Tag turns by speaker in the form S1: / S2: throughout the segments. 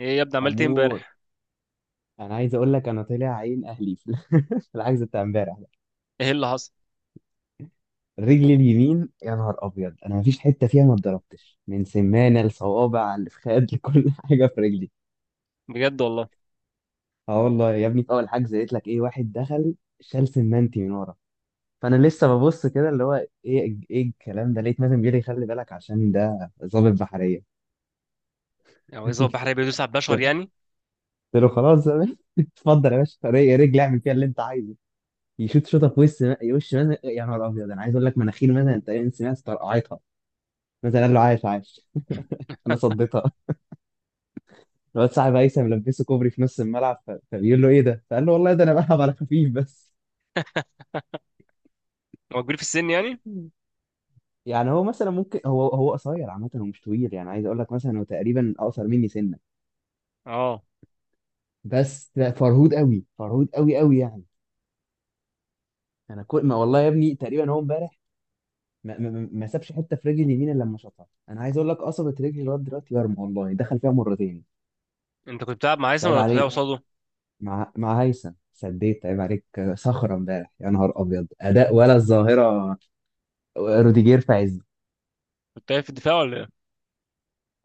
S1: ايه يا ابني؟ عملت ايه
S2: امور.
S1: امبارح؟
S2: انا عايز اقول لك انا طلع عين اهلي في في الحجز بتاع امبارح ده.
S1: ايه اللي حصل؟
S2: رجلي اليمين يا نهار ابيض انا مفيش حته فيها ما اتضربتش من سمانه لصوابع لفخاد لكل حاجه في رجلي.
S1: بجد والله.
S2: اه والله يا ابني في اول حجز قلت لك ايه، واحد دخل شال سمانتي من ورا، فانا لسه ببص كده اللي هو ايه ايه الكلام ده، لقيت مازن بيقول لي خلي بالك عشان ده ضابط بحريه.
S1: يعني هو البحر هيبقى بيدوس على البشر يعني؟
S2: قلت له خلاص يا باشا، اتفضل يا باشا رجلي اعمل فيها اللي انت عايزه. يشوط شوطه في وش، وش مثلا يا نهار ابيض، انا عايز اقول لك مناخير مثلا تقريبا سمعت طرقعتها. مثلا قال له عايش عايش. انا صديتها. الواد صاحب هيثم لبسه كوبري في نص الملعب فبيقول له ايه ده؟ فقال له والله ده انا بلعب على خفيف بس.
S1: هو كبير في السن يعني؟
S2: يعني هو مثلا ممكن هو قصير، عامه هو مش طويل، يعني عايز اقول لك مثلا هو تقريبا اقصر مني سنه.
S1: اه،
S2: بس لا، فرهود قوي، فرهود قوي قوي يعني. انا كل ما والله يا ابني تقريبا هو امبارح ما سابش حته في رجلي اليمين الا لما شاطها. انا عايز اقول لك قصبت رجلي لغايه دلوقتي يرمى، والله دخل فيها مرتين.
S1: انت كنت بتلعب مع
S2: بس
S1: هيثم
S2: عيب
S1: ولا كنت بتلعب
S2: عليك.
S1: قصاده؟
S2: مع هيثم سديت، عيب عليك. صخرة امبارح يا نهار أبيض، أداء ولا الظاهرة. روديجير في عزه.
S1: كنت قايل في الدفاع ولا ايه؟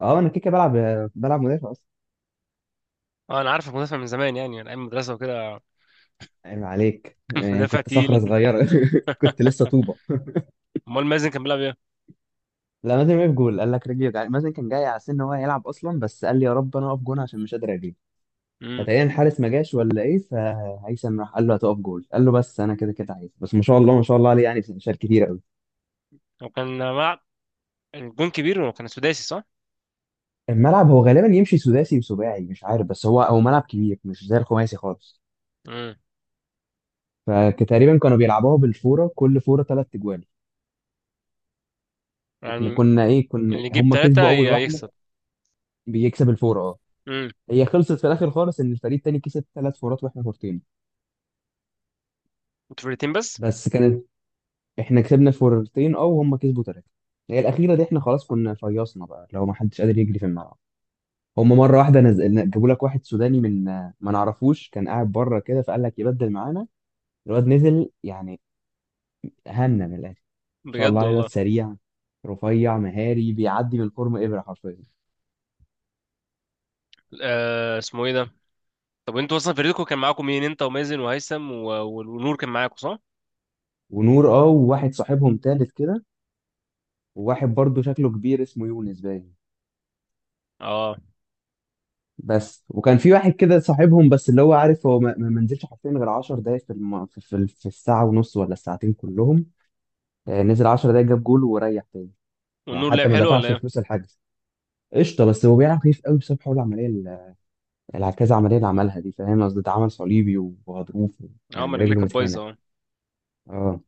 S2: أه أنا كده كده بلعب، بلعب مدافع أصلا.
S1: اه، انا عارفك مدافع من زمان، يعني من ايام المدرسه وكده.
S2: عيب عليك، يعني
S1: مدافع
S2: كنت صخرة
S1: تقيل.
S2: صغيرة كنت لسه طوبة.
S1: امال مازن كان بيلعب ايه؟
S2: لا، مازن وقف جول، قال لك رجلي وجعاني. مازن كان جاي على سن إن هو هيلعب أصلا، بس قال لي يا رب أنا أقف جون عشان مش قادر أجيب.
S1: امم.
S2: فتقريبا الحارس ما جاش ولا إيه، فهيثم راح قال له هتقف جول، قال له بس أنا كده كده عايز، بس ما شاء الله ما شاء الله عليه، يعني شال كتير قوي.
S1: هو كان ملعب الجون كبير وكان سداسي صح؟
S2: الملعب هو غالبا يمشي سداسي وسباعي مش عارف، بس هو ملعب كبير مش زي الخماسي خالص.
S1: امم،
S2: فتقريبا كانوا بيلعبوها بالفوره، كل فوره ثلاث اجوال.
S1: يعني
S2: احنا كنا ايه، كنا
S1: اللي يجيب
S2: هم كسبوا
S1: ثلاثه
S2: اول واحده.
S1: يكسب.
S2: بيكسب الفوره اه.
S1: امم.
S2: هي خلصت في الاخر خالص ان الفريق التاني كسب ثلاث فورات واحنا فورتين.
S1: انتوا فرقتين بس؟
S2: بس كانت، احنا كسبنا الفورتين اه، وهم كسبوا ثلاثه. هي الاخيره دي احنا خلاص كنا فيصنا بقى، لو ما حدش قادر يجري في الملعب. هم مره واحده نزل جابوا لك واحد سوداني من، ما نعرفوش، كان قاعد بره كده فقال لك يبدل معانا. الواد نزل يعني هنا من الاخر. ما شاء الله
S1: بجد
S2: عليه، الواد
S1: والله.
S2: سريع، رفيع، مهاري، بيعدي من الفورم ابره حرفيا.
S1: اسمه ايه ده؟ طب انتوا اصلا فريقكم كان معاكم مين؟ انت ومازن وهيثم ونور كان معاكم صح؟
S2: ونور اه، وواحد صاحبهم تالت كده، وواحد برضه شكله كبير اسمه يونس باين
S1: اه،
S2: بس. وكان في واحد كده صاحبهم بس اللي هو عارف هو ما منزلش حرفيا غير 10 دقايق في, الم... في, في, في الساعة ونص ولا الساعتين كلهم. آه، نزل 10 دقايق جاب جول وريح تاني. يعني
S1: والنور لعب
S2: حتى ما
S1: حلو ولا
S2: دفعش
S1: ايه؟
S2: فلوس الحجز. قشطة، بس هو بيلعب خفيف قوي بسبب حول كذا عملية اللي عملها دي، فاهم قصدي، ده عمل صليبي وغضروف.
S1: اه، ما
S2: يعني
S1: رجليك
S2: رجله
S1: كانت بايظه اه.
S2: متهانة اه.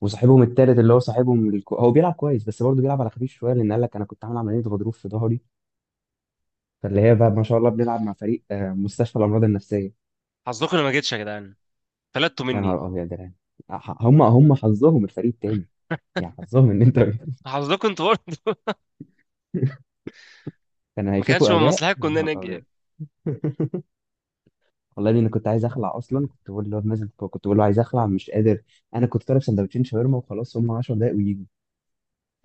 S2: وصاحبهم التالت اللي هو هو بيلعب كويس بس برضه بيلعب على خفيف شويه لان قال لك انا كنت عامل عمليه غضروف في ظهري. فاللي هي بقى ما شاء الله بنلعب مع فريق آه، مستشفى الامراض النفسيه.
S1: حظكم انا ما جيتش يا جدعان، فلتوا
S2: يا
S1: مني.
S2: نهار ابيض يعني. هم حظهم الفريق تاني، يعني حظهم ان انت.
S1: حظكم انتوا برضه.
S2: كانوا
S1: ما كانش
S2: هيشوفوا
S1: من
S2: اداء
S1: مصلحتكم
S2: يا
S1: ان
S2: نهار
S1: انا اجي
S2: ابيض.
S1: يعني.
S2: والله إني انا كنت عايز اخلع اصلا، كنت بقول له نازل، كنت بقول له عايز اخلع مش قادر. انا كنت طالب سندوتشين شاورما وخلاص، هم 10 دقايق ويجوا.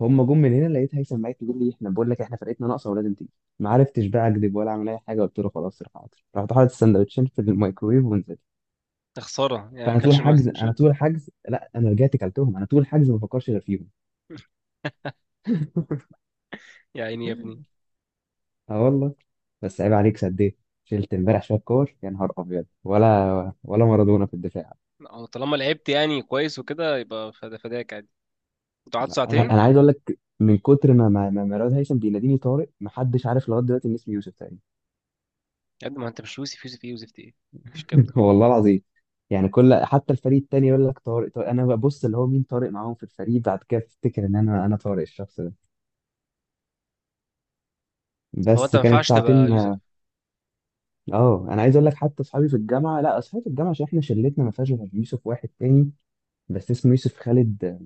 S2: هم جم من هنا لقيت هيثم معايا يقول لي احنا، بقول لك احنا فرقتنا ناقصه ولازم تيجي. ما عرفتش بقى اكذب ولا اعمل اي حاجه، قلت له خلاص روح حاضر. رحت حاطط السندوتشين في الميكرويف ونزلت.
S1: يا خساره، يعني ما
S2: فانا طول
S1: كانش من
S2: الحجز انا
S1: مصلحتكم.
S2: طول الحجز، لا انا رجعت كلتهم، انا طول الحجز ما بفكرش غير فيهم.
S1: يا عيني يا ابني.
S2: اه والله. بس عيب عليك سديت. شلت امبارح شويه كور يا نهار ابيض، ولا مارادونا في الدفاع.
S1: أو طالما لعبت يعني كويس وكده، يبقى فدا فداك عادي. انتوا قعدتوا
S2: انا
S1: ساعتين؟
S2: انا عايز اقول لك من كتر ما مراد هيثم بيناديني طارق، محدش عارف لغايه دلوقتي ان اسمي يوسف تقريبا.
S1: يا ابني ما انت مش يوسف، يوسف ايه يوسف ايه؟ مفيش الكلام ده.
S2: والله العظيم. يعني كل، حتى الفريق التاني يقول لك طارق طارق، انا ببص اللي هو مين طارق معاهم في الفريق، بعد كده افتكر ان انا طارق الشخص ده.
S1: هو انت
S2: بس
S1: ما
S2: كانت
S1: ينفعش
S2: ساعتين.
S1: تبقى يوسف؟
S2: اه انا عايز اقول لك حتى اصحابي في الجامعه، لا اصحابي في الجامعه عشان احنا شلتنا ما فيهاش غير يوسف واحد تاني بس اسمه يوسف خالد،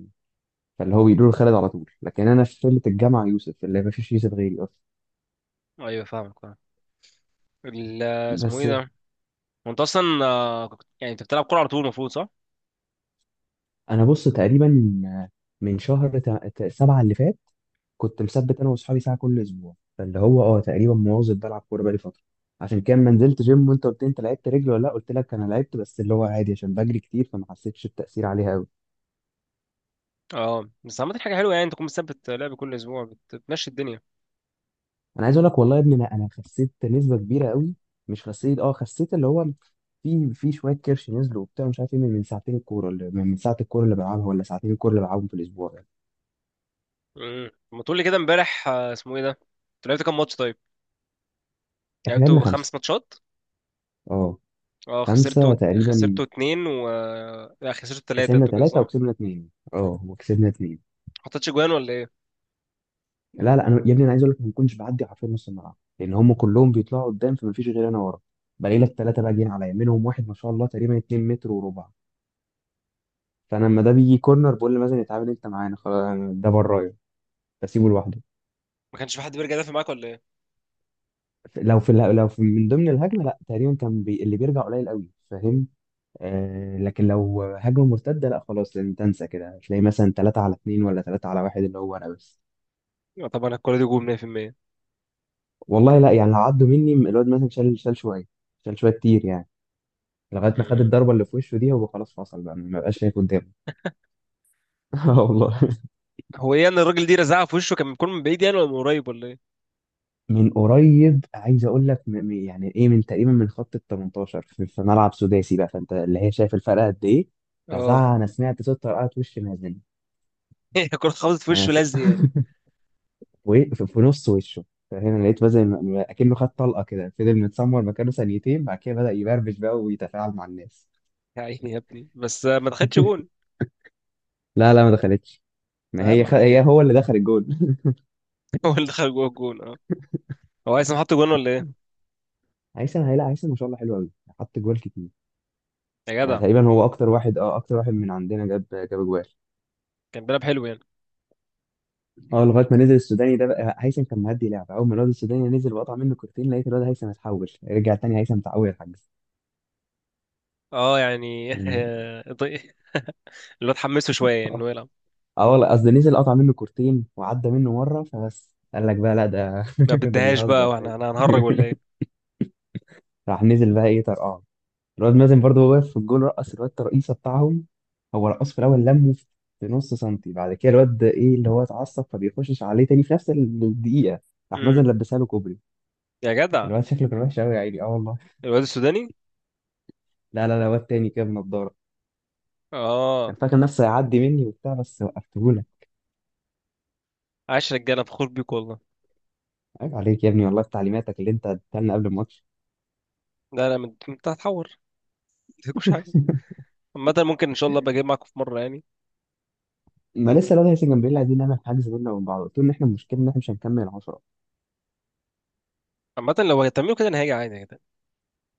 S2: فاللي هو بيقولوا له خالد على طول، لكن انا في شله الجامعه يوسف اللي ما فيش يوسف غيري اصلا.
S1: ايوه، فاهمك اه. ال- اسمه
S2: بس
S1: ايه ده؟ هو انت اصلا، يعني انت بتلعب كوره على طول المفروض صح؟
S2: انا بص تقريبا من شهر سبعه اللي فات كنت مثبت انا واصحابي ساعه كل اسبوع، فاللي هو اه تقريبا مواظب بلعب كوره بقالي فتره. عشان كده ما نزلت جيم، وانت قلت لي انت لعبت رجل ولا لا، قلت لك انا لعبت بس اللي هو عادي عشان بجري كتير فما حسيتش التاثير عليها قوي.
S1: اه، بس عملت حاجه حلوه، يعني انت تكون مثبت لعب كل اسبوع، بتمشي الدنيا.
S2: انا عايز اقول لك والله يا ابني انا خسيت نسبه كبيره قوي، مش خسيت اه خسيت اللي هو في شويه كرش نزلوا وبتاع مش عارف ايه، من من ساعتين الكوره اللي من ساعه الكوره اللي بلعبها ولا ساعتين الكوره اللي بلعبهم في الاسبوع يعني.
S1: امم، ما تقول لي كده امبارح، اسمه ايه ده، انتوا لعبتوا كام ماتش طيب؟
S2: احنا لعبنا
S1: لعبتوا
S2: خمسه
S1: خمس ماتشات؟
S2: اه،
S1: اه، خسرتوا
S2: خمسه تقريبا.
S1: خسرتوا اتنين و... لا، خسرتوا تلاتة
S2: خسرنا
S1: انتوا كده صح،
S2: ثلاثه
S1: ما
S2: وكسبنا اثنين اه، وكسبنا اثنين.
S1: حطيتش جوان ولا ايه؟
S2: لا لا، انا يا ابني انا عايز اقول لك ما كنتش بعدي حرفيا نص الملعب، لان هم كلهم بيطلعوا قدام فما فيش غير انا ورا. بلاقي لك ثلاثه بقى جايين عليا منهم واحد ما شاء الله تقريبا 2 متر وربع. فانا لما ده بيجي كورنر بقول لمازن اتعامل انت معانا خلاص ده برايا، بسيبه لوحده.
S1: ما كانش في حد بيرجع يدافع معاك ولا ايه؟
S2: لو في من ضمن الهجمه، لا تقريبا كان بي... اللي بيرجع قليل قوي، فاهم. آه لكن لو هجمه مرتده لا خلاص، لأن تنسى كده تلاقي مثلا 3 على 2 ولا 3 على 1 اللي هو انا بس.
S1: لا طبعا الكوره دي جول 100%.
S2: والله لا، يعني لو عدوا مني الواد مثلا شال شويه، شال شويه كتير يعني لغايه ما خد
S1: امم.
S2: الضربه اللي في وشه دي، هو خلاص فصل بقى ما بقاش شايف قدامه. اه والله.
S1: هو ايه ان الراجل دي رزعها في وشه كان بيكون من بعيد يعني ولا من قريب ولا ايه؟
S2: من قريب عايز اقول لك يعني ايه، من تقريبا من خط ال 18، في ملعب سداسي بقى، فانت اللي هي شايف الفرق قد ايه.
S1: اه.
S2: فزعق، انا سمعت صوت طرقعت وش، مهزله.
S1: هي الكوره خبطت في
S2: انا
S1: وشه
S2: س...
S1: لزق يعني.
S2: وفي نص وشه. فهنا لقيت بقى زي اكنه خد طلقه كده، فضل متسمر مكانه ثانيتين بعد كده بدأ يبربش بقى ويتفاعل مع الناس.
S1: يا عيني يا ابني، بس ما دخلتش جون؟
S2: لا لا، ما دخلتش. ما هي
S1: اهم حاجه.
S2: هو اللي دخل الجول.
S1: هو اللي دخل جوه الجون اه. هو عايز حط جون ولا ايه؟
S2: هيثم، هي لا هيثم ما شاء الله حلو قوي، حط جوال كتير.
S1: يا
S2: يعني
S1: جدع.
S2: تقريبا هو اكتر واحد اه، اكتر واحد من عندنا جاب جوال
S1: كان بيلعب حلو يعني؟
S2: اه، لغايه ما نزل السوداني ده بقى. هيثم كان مهدي لعبه، اول ما الواد السوداني نزل وقطع منه كورتين لقيت الواد هيثم اتحول، رجع تاني هيثم تعوي الحجز.
S1: اه، يعني.
S2: يعني
S1: اللي هو اتحمسوا شويه انه
S2: آه.
S1: يلعب.
S2: اه والله قصدي نزل قطع منه كورتين وعدى منه مره، فبس قال لك بقى لا ده
S1: ما
S2: ده
S1: بديهاش بقى،
S2: بيهزر،
S1: واحنا
S2: فاهم.
S1: احنا هنهرج ولا ايه؟
S2: راح نزل بقى ايه طرقعه. الواد مازن برضه وهو واقف في الجول رقص، الواد الرئيسه بتاعهم هو رقص في الاول لمه في نص سنتي، بعد كده الواد ايه اللي هو اتعصب فبيخشش عليه تاني في نفس الدقيقه، راح
S1: امم.
S2: مازن لبسها له كوبري.
S1: يا جدع.
S2: الواد شكله كان وحش قوي يا عيني اه والله.
S1: الواد السوداني؟
S2: لا لا لا، واد تاني كده بنضاره، كان
S1: اه.
S2: فاكر نفسه هيعدي مني وبتاع بس وقفتهولك.
S1: عاش رجاله، فخور بيك والله.
S2: عيب عليك يا ابني، والله في تعليماتك اللي انت اديتها لنا قبل الماتش.
S1: لا لا، انت هتحور، مفيش حاجه. عامه ممكن ان شاء الله ابقى اجي معاكم في مره يعني.
S2: ما لسه الواد هيثم جنبيل عايزين نعمل حجز بينا وبين بعض، قلت له ان احنا المشكله ان احنا مش هنكمل 10.
S1: عامه لو هتعملوا كده، انا هاجي عادي كده.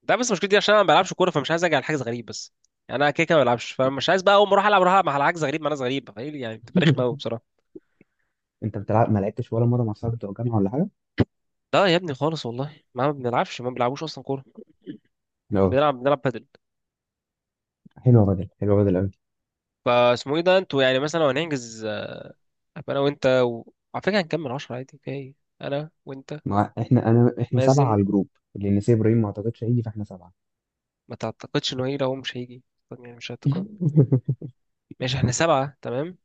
S1: ده بس مشكلتي عشان انا ما بلعبش كوره، فمش عايز اجي على حاجه غريب بس. يعني انا كده كده ما بلعبش، فمش عايز بقى اول ما اروح العب، اروح العب مع حاجه غريب مع ناس غريبه، فايه يعني، بتبقى رخمه قوي بصراحه.
S2: انت بتلعب، ما لعبتش ولا مره مع صحابك بتوع الجامعه ولا حاجه؟
S1: لا يا ابني، خالص والله، ما بنلعبش، ما بنلعبوش اصلا كوره.
S2: لا،
S1: بنلعب بادل.
S2: حلوه بدل، حلوه بدل قوي.
S1: فاسمه ايه ده، انتوا يعني مثلا لو هنحجز، أبقى انا وانت على فكره هنكمل عشرة عادي، فيها ايه؟ انا وانت
S2: ما احنا، انا احنا سبعه
S1: مازن.
S2: على الجروب، لان سي ابراهيم ما اعتقدش هيجي فاحنا سبعه.
S1: ما تعتقدش انه هيجي؟ لو هو مش هيجي. طب يعني مش هتقد ماشي، احنا سبعه تمام.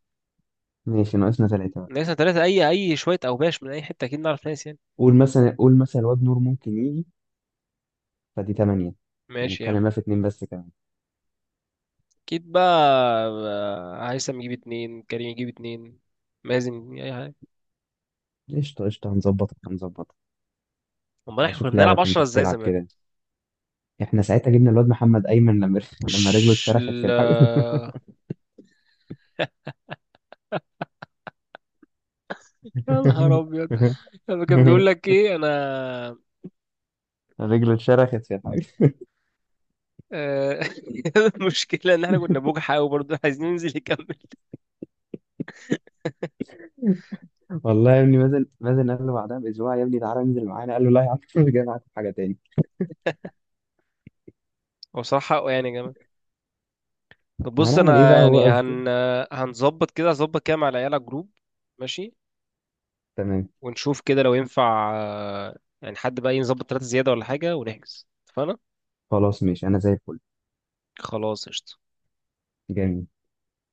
S2: ماشي، ناقصنا ثلاثه بقى.
S1: ناقصنا ثلاثه اي شويه اوباش من اي حته، اكيد نعرف ناس يعني.
S2: قول مثلا، قول مثلا الواد نور ممكن يجي، فدي ثمانيه.
S1: ماشي يا
S2: نتكلم
S1: عم.
S2: بقى في اتنين بس كمان.
S1: اكيد بقى. بقى هيثم يجيب اتنين، كريم يجيب اتنين، مازن يجيب اي حاجه.
S2: قشطه قشطه، هنظبط هنظبط.
S1: امال احنا كنا
S2: هشوف لعبه
S1: بنلعب عشرة
S2: كنت
S1: ازاي
S2: بتلعب
S1: زمان؟
S2: كده. احنا ساعتها جبنا الواد محمد ايمن لما لما رجله
S1: مش
S2: اتشرخت في
S1: ال
S2: الحجز.
S1: يا نهار ابيض، لما كان بيقول لك ايه انا،
S2: رجله اتشرخت يا حاج.
S1: آه، المشكله ان احنا كنا بوجع قوي برضه عايزين ننزل يكمل.
S2: والله يا ابني مازن، مازن قال له بعدها باسبوع يا ابني تعالى انزل معانا، قال له لا يا عم مش جاي معاك في حاجه تاني.
S1: هو صراحة حقه يعني يا جماعة. طب
S2: ما
S1: بص
S2: هنعمل ايه
S1: أنا
S2: بقى هو
S1: يعني،
S2: قصدي.
S1: هن آه، هنظبط كده، هظبط كده مع العيال على جروب. ماشي.
S2: تمام.
S1: ونشوف كده لو ينفع، يعني حد بقى ينظبط تلاتة زيادة ولا حاجة ونحجز، اتفقنا؟
S2: خلاص ماشي، انا زي الفل.
S1: خلاص قشطة.
S2: جميل.